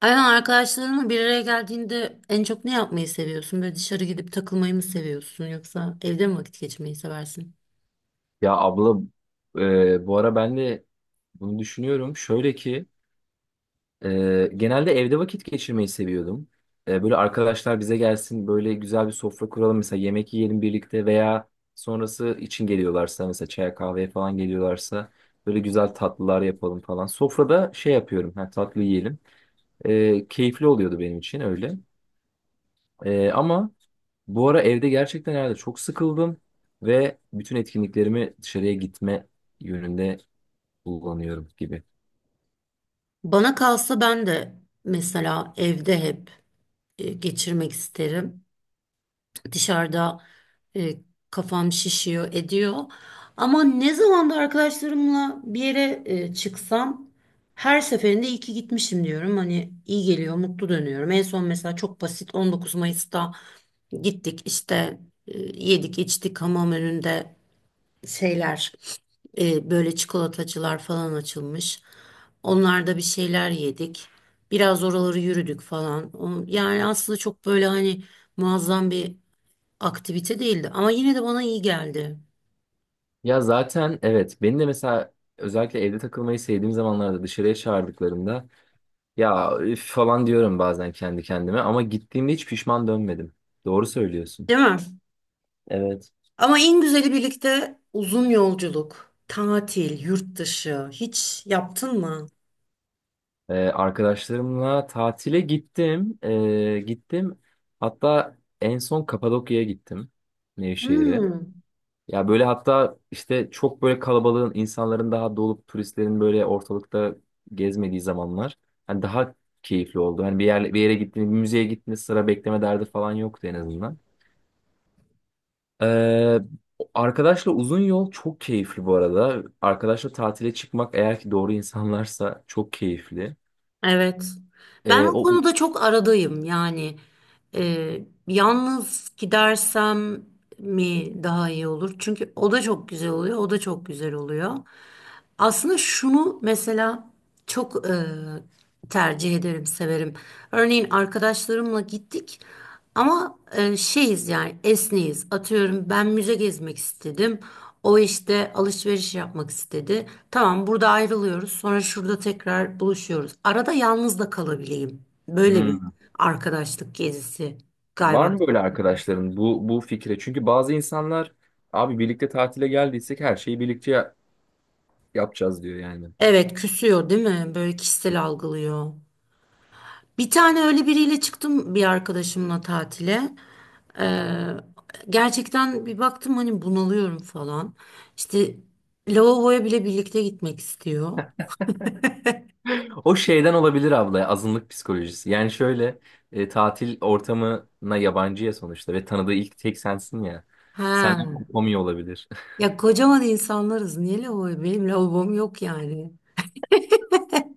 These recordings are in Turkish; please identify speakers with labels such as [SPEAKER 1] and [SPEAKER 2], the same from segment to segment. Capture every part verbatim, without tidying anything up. [SPEAKER 1] Aynen, arkadaşlarınla bir araya geldiğinde en çok ne yapmayı seviyorsun? Böyle dışarı gidip takılmayı mı seviyorsun yoksa evde mi vakit geçirmeyi seversin?
[SPEAKER 2] Ya abla, e, bu ara ben de bunu düşünüyorum. Şöyle ki, e, genelde evde vakit geçirmeyi seviyordum. E, böyle arkadaşlar bize gelsin, böyle güzel bir sofra kuralım. Mesela yemek yiyelim birlikte veya sonrası için geliyorlarsa, mesela çaya kahveye falan geliyorlarsa böyle güzel tatlılar yapalım falan. Sofrada şey yapıyorum, ha, tatlı yiyelim. E, keyifli oluyordu benim için öyle. E, ama bu ara evde gerçekten herhalde çok sıkıldım ve bütün etkinliklerimi dışarıya gitme yönünde kullanıyorum gibi.
[SPEAKER 1] Bana kalsa ben de mesela evde hep e, geçirmek isterim. Dışarıda e, kafam şişiyor, ediyor. Ama ne zaman da arkadaşlarımla bir yere e, çıksam her seferinde iyi ki gitmişim diyorum. Hani iyi geliyor, mutlu dönüyorum. En son mesela çok basit on dokuz Mayıs'ta gittik işte, e, yedik içtik hamam önünde şeyler, e, böyle çikolatacılar falan açılmış. Onlarda bir şeyler yedik. Biraz oraları yürüdük falan. O- Yani aslında çok böyle hani muazzam bir aktivite değildi ama yine de bana iyi geldi.
[SPEAKER 2] Ya zaten evet, beni de mesela özellikle evde takılmayı sevdiğim zamanlarda dışarıya çağırdıklarında ya üf falan diyorum bazen kendi kendime, ama gittiğimde hiç pişman dönmedim. Doğru söylüyorsun.
[SPEAKER 1] Değil mi?
[SPEAKER 2] Evet.
[SPEAKER 1] Ama en güzeli birlikte uzun yolculuk, tatil, yurt dışı hiç yaptın mı?
[SPEAKER 2] Ee, arkadaşlarımla tatile gittim. Ee, gittim. Hatta en son Kapadokya'ya gittim. Nevşehir'e.
[SPEAKER 1] Hmm.
[SPEAKER 2] Ya böyle, hatta işte çok böyle kalabalığın, insanların daha dolup turistlerin böyle ortalıkta gezmediği zamanlar hani daha keyifli oldu. Hani bir yer bir yere gittiniz, bir müzeye gittiniz, sıra bekleme derdi falan yoktu en azından. Ee, Arkadaşla uzun yol çok keyifli bu arada. Arkadaşla tatile çıkmak eğer ki doğru insanlarsa çok keyifli.
[SPEAKER 1] Evet. Ben
[SPEAKER 2] Ee,
[SPEAKER 1] o
[SPEAKER 2] o
[SPEAKER 1] konuda çok aradayım. Yani e, yalnız gidersem mi daha iyi olur? Çünkü o da çok güzel oluyor, o da çok güzel oluyor. Aslında şunu mesela çok e, tercih ederim, severim. Örneğin arkadaşlarımla gittik. Ama e, şeyiz yani, esneyiz. Atıyorum, ben müze gezmek istedim. O işte alışveriş yapmak istedi. Tamam, burada ayrılıyoruz. Sonra şurada tekrar buluşuyoruz. Arada yalnız da kalabileyim. Böyle bir
[SPEAKER 2] Hmm.
[SPEAKER 1] arkadaşlık gezisi
[SPEAKER 2] Var
[SPEAKER 1] galiba.
[SPEAKER 2] mı böyle arkadaşların bu bu fikre? Çünkü bazı insanlar abi birlikte tatile geldiysek her şeyi birlikte ya- yapacağız diyor yani.
[SPEAKER 1] Evet, küsüyor değil mi? Böyle kişisel algılıyor. Bir tane öyle biriyle çıktım, bir arkadaşımla tatile. Ee, gerçekten bir baktım hani bunalıyorum falan. İşte lavaboya bile birlikte gitmek istiyor.
[SPEAKER 2] O şeyden olabilir abla, azınlık psikolojisi. Yani şöyle, e, tatil ortamına yabancıya sonuçta ve tanıdığı ilk tek sensin ya. Senden
[SPEAKER 1] Ha.
[SPEAKER 2] kopamıyor olabilir.
[SPEAKER 1] Ya, kocaman insanlarız. Niye lavaboya? Benim lavabom yok yani.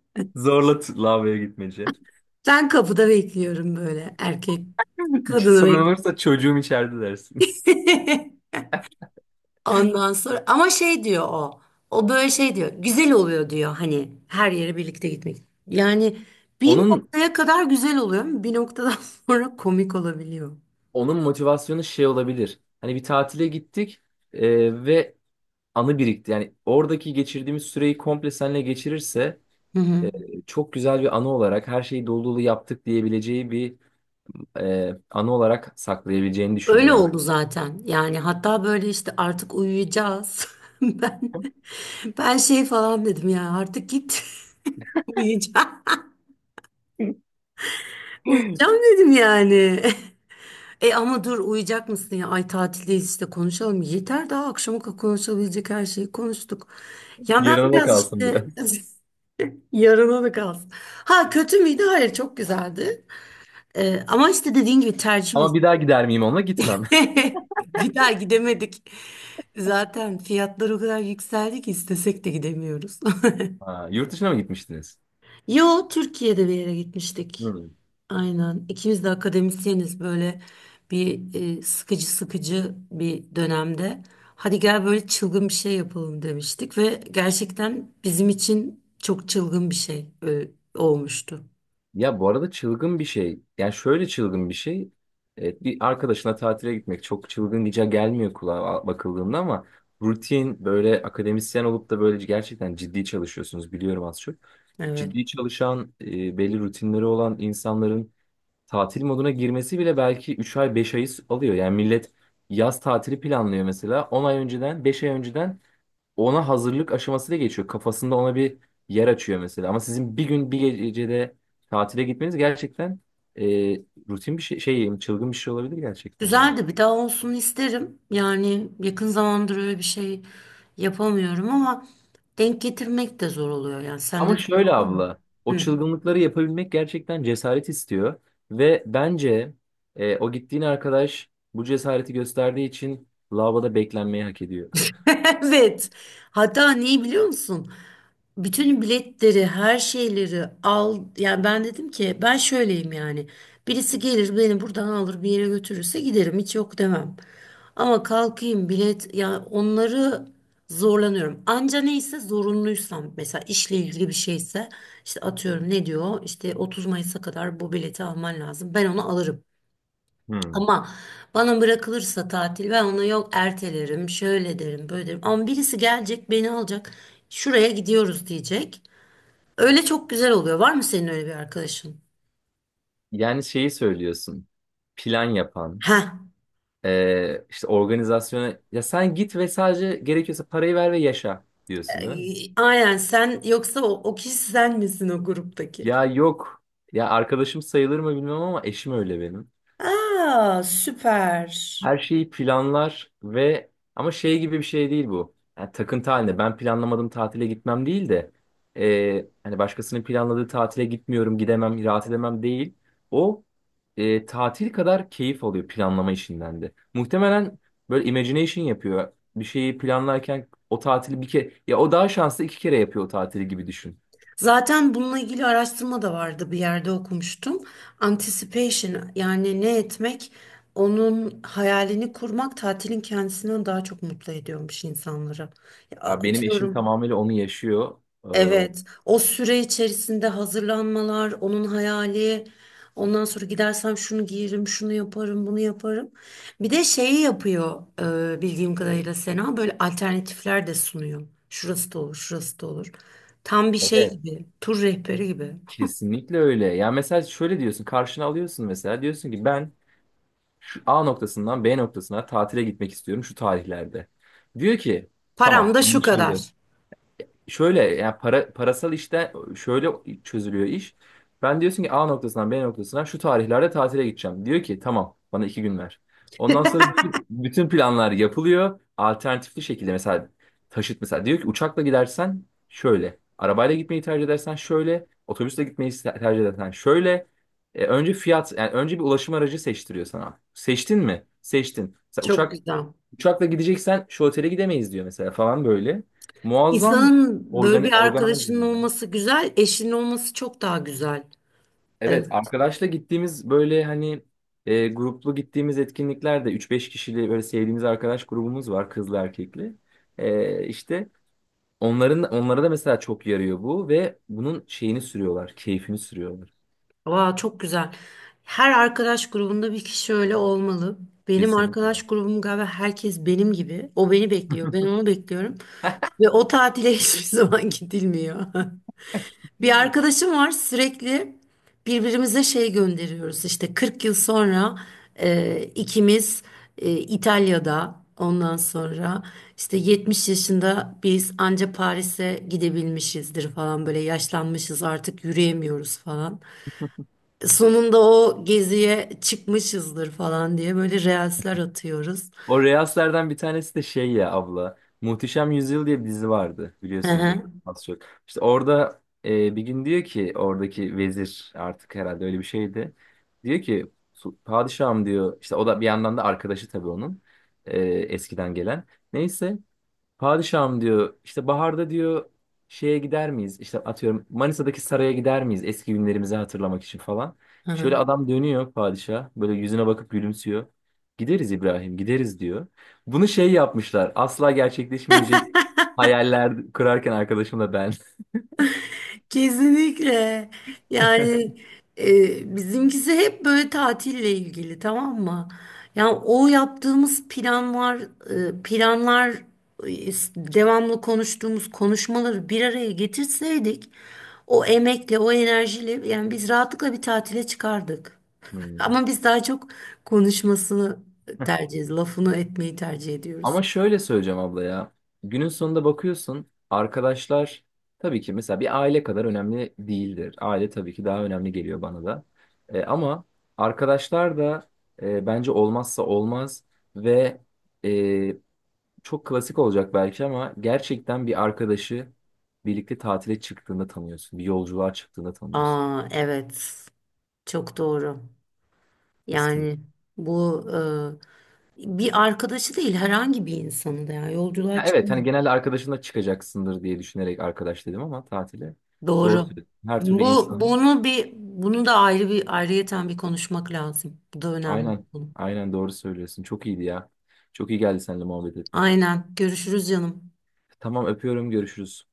[SPEAKER 2] Zorla t- lavaboya gitmece.
[SPEAKER 1] Ben kapıda bekliyorum böyle erkek
[SPEAKER 2] Hiç
[SPEAKER 1] kadını
[SPEAKER 2] sorun
[SPEAKER 1] bek.
[SPEAKER 2] olursa çocuğum içeride dersin.
[SPEAKER 1] Ondan sonra ama şey diyor o. O böyle şey diyor. Güzel oluyor diyor hani her yere birlikte gitmek. Yani bir
[SPEAKER 2] Onun
[SPEAKER 1] noktaya kadar güzel oluyor ama bir noktadan sonra komik olabiliyor.
[SPEAKER 2] onun motivasyonu şey olabilir. Hani bir tatile gittik e, ve anı birikti. Yani oradaki geçirdiğimiz süreyi komple seninle geçirirse
[SPEAKER 1] Hı hı.
[SPEAKER 2] e, çok güzel bir anı olarak her şeyi dolu dolu yaptık diyebileceği bir e, anı olarak saklayabileceğini düşünüyor
[SPEAKER 1] Öyle
[SPEAKER 2] ben.
[SPEAKER 1] oldu zaten. Yani hatta böyle işte artık uyuyacağız. Ben ben şey falan dedim ya, artık git uyuyacağım. Uyuyacağım dedim yani. E ama dur, uyuyacak mısın ya? Ay, tatildeyiz işte, konuşalım. Yeter, daha akşama kadar konuşabilecek her şeyi konuştuk. Ya ben
[SPEAKER 2] Yarına da
[SPEAKER 1] biraz
[SPEAKER 2] kalsın
[SPEAKER 1] işte,
[SPEAKER 2] biraz.
[SPEAKER 1] yarına da kalsın. Ha, kötü müydü? Hayır, çok güzeldi. E, ama işte dediğin gibi tercih
[SPEAKER 2] Ama bir daha gider miyim onunla? Gitmem.
[SPEAKER 1] meselesi. Bir daha gidemedik. Zaten fiyatlar o kadar yükseldi ki istesek de gidemiyoruz.
[SPEAKER 2] Ha, yurt dışına mı gitmiştiniz?
[SPEAKER 1] Yo, Türkiye'de bir yere gitmiştik.
[SPEAKER 2] Hmm.
[SPEAKER 1] Aynen. İkimiz de akademisyeniz, böyle bir e, sıkıcı sıkıcı bir dönemde. Hadi gel, böyle çılgın bir şey yapalım demiştik ve gerçekten bizim için çok çılgın bir şey e, olmuştu.
[SPEAKER 2] Ya bu arada çılgın bir şey. Yani şöyle çılgın bir şey. Evet, bir arkadaşına tatile gitmek çok çılgın diyeceği gelmiyor kulağa bakıldığında ama rutin böyle akademisyen olup da böyle gerçekten ciddi çalışıyorsunuz biliyorum az çok.
[SPEAKER 1] Evet.
[SPEAKER 2] Ciddi çalışan e, belli rutinleri olan insanların tatil moduna girmesi bile belki üç ay beş ayı alıyor. Yani millet yaz tatili planlıyor mesela on ay önceden beş ay önceden, ona hazırlık aşaması da geçiyor. Kafasında ona bir yer açıyor mesela. Ama sizin bir gün bir gecede tatile gitmeniz gerçekten e, rutin bir şey, şey, çılgın bir şey olabilir gerçekten yani.
[SPEAKER 1] Güzeldi. Bir daha olsun isterim. Yani yakın zamandır öyle bir şey yapamıyorum ama denk getirmek de zor oluyor. Yani
[SPEAKER 2] Ama
[SPEAKER 1] sende de öyle
[SPEAKER 2] şöyle
[SPEAKER 1] oluyor mu?
[SPEAKER 2] abla, o
[SPEAKER 1] Hı.
[SPEAKER 2] çılgınlıkları yapabilmek gerçekten cesaret istiyor ve bence e, o gittiğin arkadaş bu cesareti gösterdiği için lavaboda beklenmeyi hak ediyor.
[SPEAKER 1] Evet. Hatta neyi biliyor musun? Bütün biletleri, her şeyleri al. Yani ben dedim ki ben şöyleyim yani. Birisi gelir beni buradan alır bir yere götürürse giderim, hiç yok demem. Ama kalkayım bilet ya, onları zorlanıyorum. Anca neyse zorunluysam, mesela işle ilgili bir şeyse işte atıyorum, ne diyor işte otuz Mayıs'a kadar bu bileti alman lazım. Ben onu alırım.
[SPEAKER 2] Hmm.
[SPEAKER 1] Ama bana bırakılırsa tatil, ben ona yok ertelerim, şöyle derim, böyle derim. Ama birisi gelecek, beni alacak, şuraya gidiyoruz diyecek. Öyle çok güzel oluyor. Var mı senin öyle bir arkadaşın?
[SPEAKER 2] Yani şeyi söylüyorsun. Plan yapan.
[SPEAKER 1] Ha,
[SPEAKER 2] Ee, işte organizasyona ya sen git ve sadece gerekiyorsa parayı ver ve yaşa diyorsun değil mi?
[SPEAKER 1] e, aynen, sen yoksa o, o kişi sen misin o gruptaki?
[SPEAKER 2] Ya yok. Ya arkadaşım sayılır mı bilmem ama eşim öyle benim.
[SPEAKER 1] Aa, süper.
[SPEAKER 2] Her şeyi planlar ve ama şey gibi bir şey değil bu. Yani takıntı halinde ben planlamadım tatile gitmem değil de, e, hani başkasının planladığı tatile gitmiyorum, gidemem, rahat edemem değil. O e, tatil kadar keyif alıyor planlama işinden de. Muhtemelen böyle imagination yapıyor. Bir şeyi planlarken o tatili bir kere, ya o daha şanslı, iki kere yapıyor o tatili gibi düşün.
[SPEAKER 1] Zaten bununla ilgili araştırma da vardı, bir yerde okumuştum. Anticipation, yani ne etmek, onun hayalini kurmak tatilin kendisinden daha çok mutlu ediyormuş insanları. Ya,
[SPEAKER 2] Ya benim eşim
[SPEAKER 1] atıyorum,
[SPEAKER 2] tamamıyla onu yaşıyor.
[SPEAKER 1] evet, o süre içerisinde hazırlanmalar, onun hayali, ondan sonra gidersem şunu giyerim, şunu yaparım, bunu yaparım. Bir de şeyi yapıyor e, bildiğim kadarıyla Sena, böyle alternatifler de sunuyor. Şurası da olur, şurası da olur. Tam bir
[SPEAKER 2] Ee,
[SPEAKER 1] şey
[SPEAKER 2] evet.
[SPEAKER 1] gibi, tur rehberi gibi.
[SPEAKER 2] Kesinlikle öyle. Ya mesela şöyle diyorsun, karşına alıyorsun, mesela diyorsun ki ben şu A noktasından B noktasına tatile gitmek istiyorum şu tarihlerde. Diyor ki
[SPEAKER 1] Param
[SPEAKER 2] tamam
[SPEAKER 1] da şu
[SPEAKER 2] anlaşıldı,
[SPEAKER 1] kadar.
[SPEAKER 2] şöyle yani, para, parasal işte şöyle çözülüyor iş. Ben diyorsun ki A noktasından B noktasına şu tarihlerde tatile gideceğim. Diyor ki tamam, bana iki gün ver. Ondan sonra bütün, bütün planlar yapılıyor. Alternatifli şekilde mesela taşıt, mesela diyor ki uçakla gidersen şöyle. Arabayla gitmeyi tercih edersen şöyle. Otobüsle gitmeyi se- tercih edersen şöyle. E, önce fiyat, yani önce bir ulaşım aracı seçtiriyor sana. Seçtin mi? Seçtin. Mesela
[SPEAKER 1] Çok
[SPEAKER 2] uçak.
[SPEAKER 1] güzel.
[SPEAKER 2] Uçakla gideceksen şu otele gidemeyiz diyor mesela falan böyle. Muazzam
[SPEAKER 1] İnsanın böyle
[SPEAKER 2] organ
[SPEAKER 1] bir arkadaşının
[SPEAKER 2] organizing ya.
[SPEAKER 1] olması güzel, eşinin olması çok daha güzel.
[SPEAKER 2] Evet,
[SPEAKER 1] Evet.
[SPEAKER 2] arkadaşla gittiğimiz böyle hani e, gruplu gittiğimiz etkinliklerde üç beş kişili böyle sevdiğimiz arkadaş grubumuz var, kızlı erkekli. E, işte onların, onlara da mesela çok yarıyor bu ve bunun şeyini sürüyorlar, keyfini sürüyorlar.
[SPEAKER 1] Aa, çok güzel. Her arkadaş grubunda bir kişi öyle olmalı. Benim arkadaş
[SPEAKER 2] Kesinlikle.
[SPEAKER 1] grubum galiba herkes benim gibi. O beni bekliyor, ben onu bekliyorum. Ve o tatile hiçbir zaman gidilmiyor. Bir arkadaşım var, sürekli birbirimize şey gönderiyoruz. İşte kırk yıl sonra e, ikimiz e, İtalya'da, ondan sonra işte yetmiş yaşında biz anca Paris'e gidebilmişizdir falan, böyle yaşlanmışız artık, yürüyemiyoruz falan, sonunda o geziye çıkmışızdır falan diye böyle reelsler atıyoruz.
[SPEAKER 2] O Reels'lerden bir tanesi de şey ya abla. Muhteşem Yüzyıl diye bir dizi vardı,
[SPEAKER 1] Hı
[SPEAKER 2] biliyorsundur
[SPEAKER 1] hı,
[SPEAKER 2] az çok. İşte orada e, bir gün diyor ki oradaki vezir artık herhalde öyle bir şeydi. Diyor ki "Su- padişahım diyor işte, o da bir yandan da arkadaşı tabii onun e, eskiden gelen. Neyse, padişahım diyor, işte baharda diyor şeye gider miyiz? İşte atıyorum Manisa'daki saraya gider miyiz eski günlerimizi hatırlamak için falan."
[SPEAKER 1] hı
[SPEAKER 2] Şöyle
[SPEAKER 1] hı.
[SPEAKER 2] adam dönüyor, padişah böyle yüzüne bakıp gülümsüyor. "Gideriz İbrahim, gideriz" diyor. Bunu şey yapmışlar, asla gerçekleşmeyecek hayaller kurarken arkadaşımla ben.
[SPEAKER 1] Kesinlikle. Yani e, bizimkisi hep böyle tatille ilgili, tamam mı? Yani o yaptığımız planlar, e, planlar e, devamlı konuştuğumuz konuşmaları bir araya getirseydik o emekle, o enerjiyle yani biz rahatlıkla bir tatile çıkardık.
[SPEAKER 2] Hmm.
[SPEAKER 1] Ama biz daha çok konuşmasını tercih ediyoruz. Lafını etmeyi tercih ediyoruz.
[SPEAKER 2] Ama şöyle söyleyeceğim abla ya. Günün sonunda bakıyorsun arkadaşlar tabii ki mesela bir aile kadar önemli değildir. Aile tabii ki daha önemli geliyor bana da. E, ama arkadaşlar da e, bence olmazsa olmaz ve e, çok klasik olacak belki ama gerçekten bir arkadaşı birlikte tatile çıktığında tanıyorsun. Bir yolculuğa çıktığında tanıyorsun.
[SPEAKER 1] Aa, evet. Çok doğru.
[SPEAKER 2] Kesinlikle.
[SPEAKER 1] Yani bu e, bir arkadaşı değil, herhangi bir insanı da yani,
[SPEAKER 2] Ya
[SPEAKER 1] yolculuğa
[SPEAKER 2] evet, hani
[SPEAKER 1] çıkın.
[SPEAKER 2] genelde arkadaşınla çıkacaksındır diye düşünerek arkadaş dedim, ama tatile. Doğru
[SPEAKER 1] Doğru.
[SPEAKER 2] söylüyorsun. Her türlü
[SPEAKER 1] Bu
[SPEAKER 2] insan.
[SPEAKER 1] bunu bir bunu da ayrı bir ayrıyeten bir konuşmak lazım. Bu da önemli bir
[SPEAKER 2] Aynen.
[SPEAKER 1] konu.
[SPEAKER 2] Aynen doğru söylüyorsun. Çok iyiydi ya. Çok iyi geldi seninle muhabbet etmek.
[SPEAKER 1] Aynen. Görüşürüz canım.
[SPEAKER 2] Tamam öpüyorum. Görüşürüz.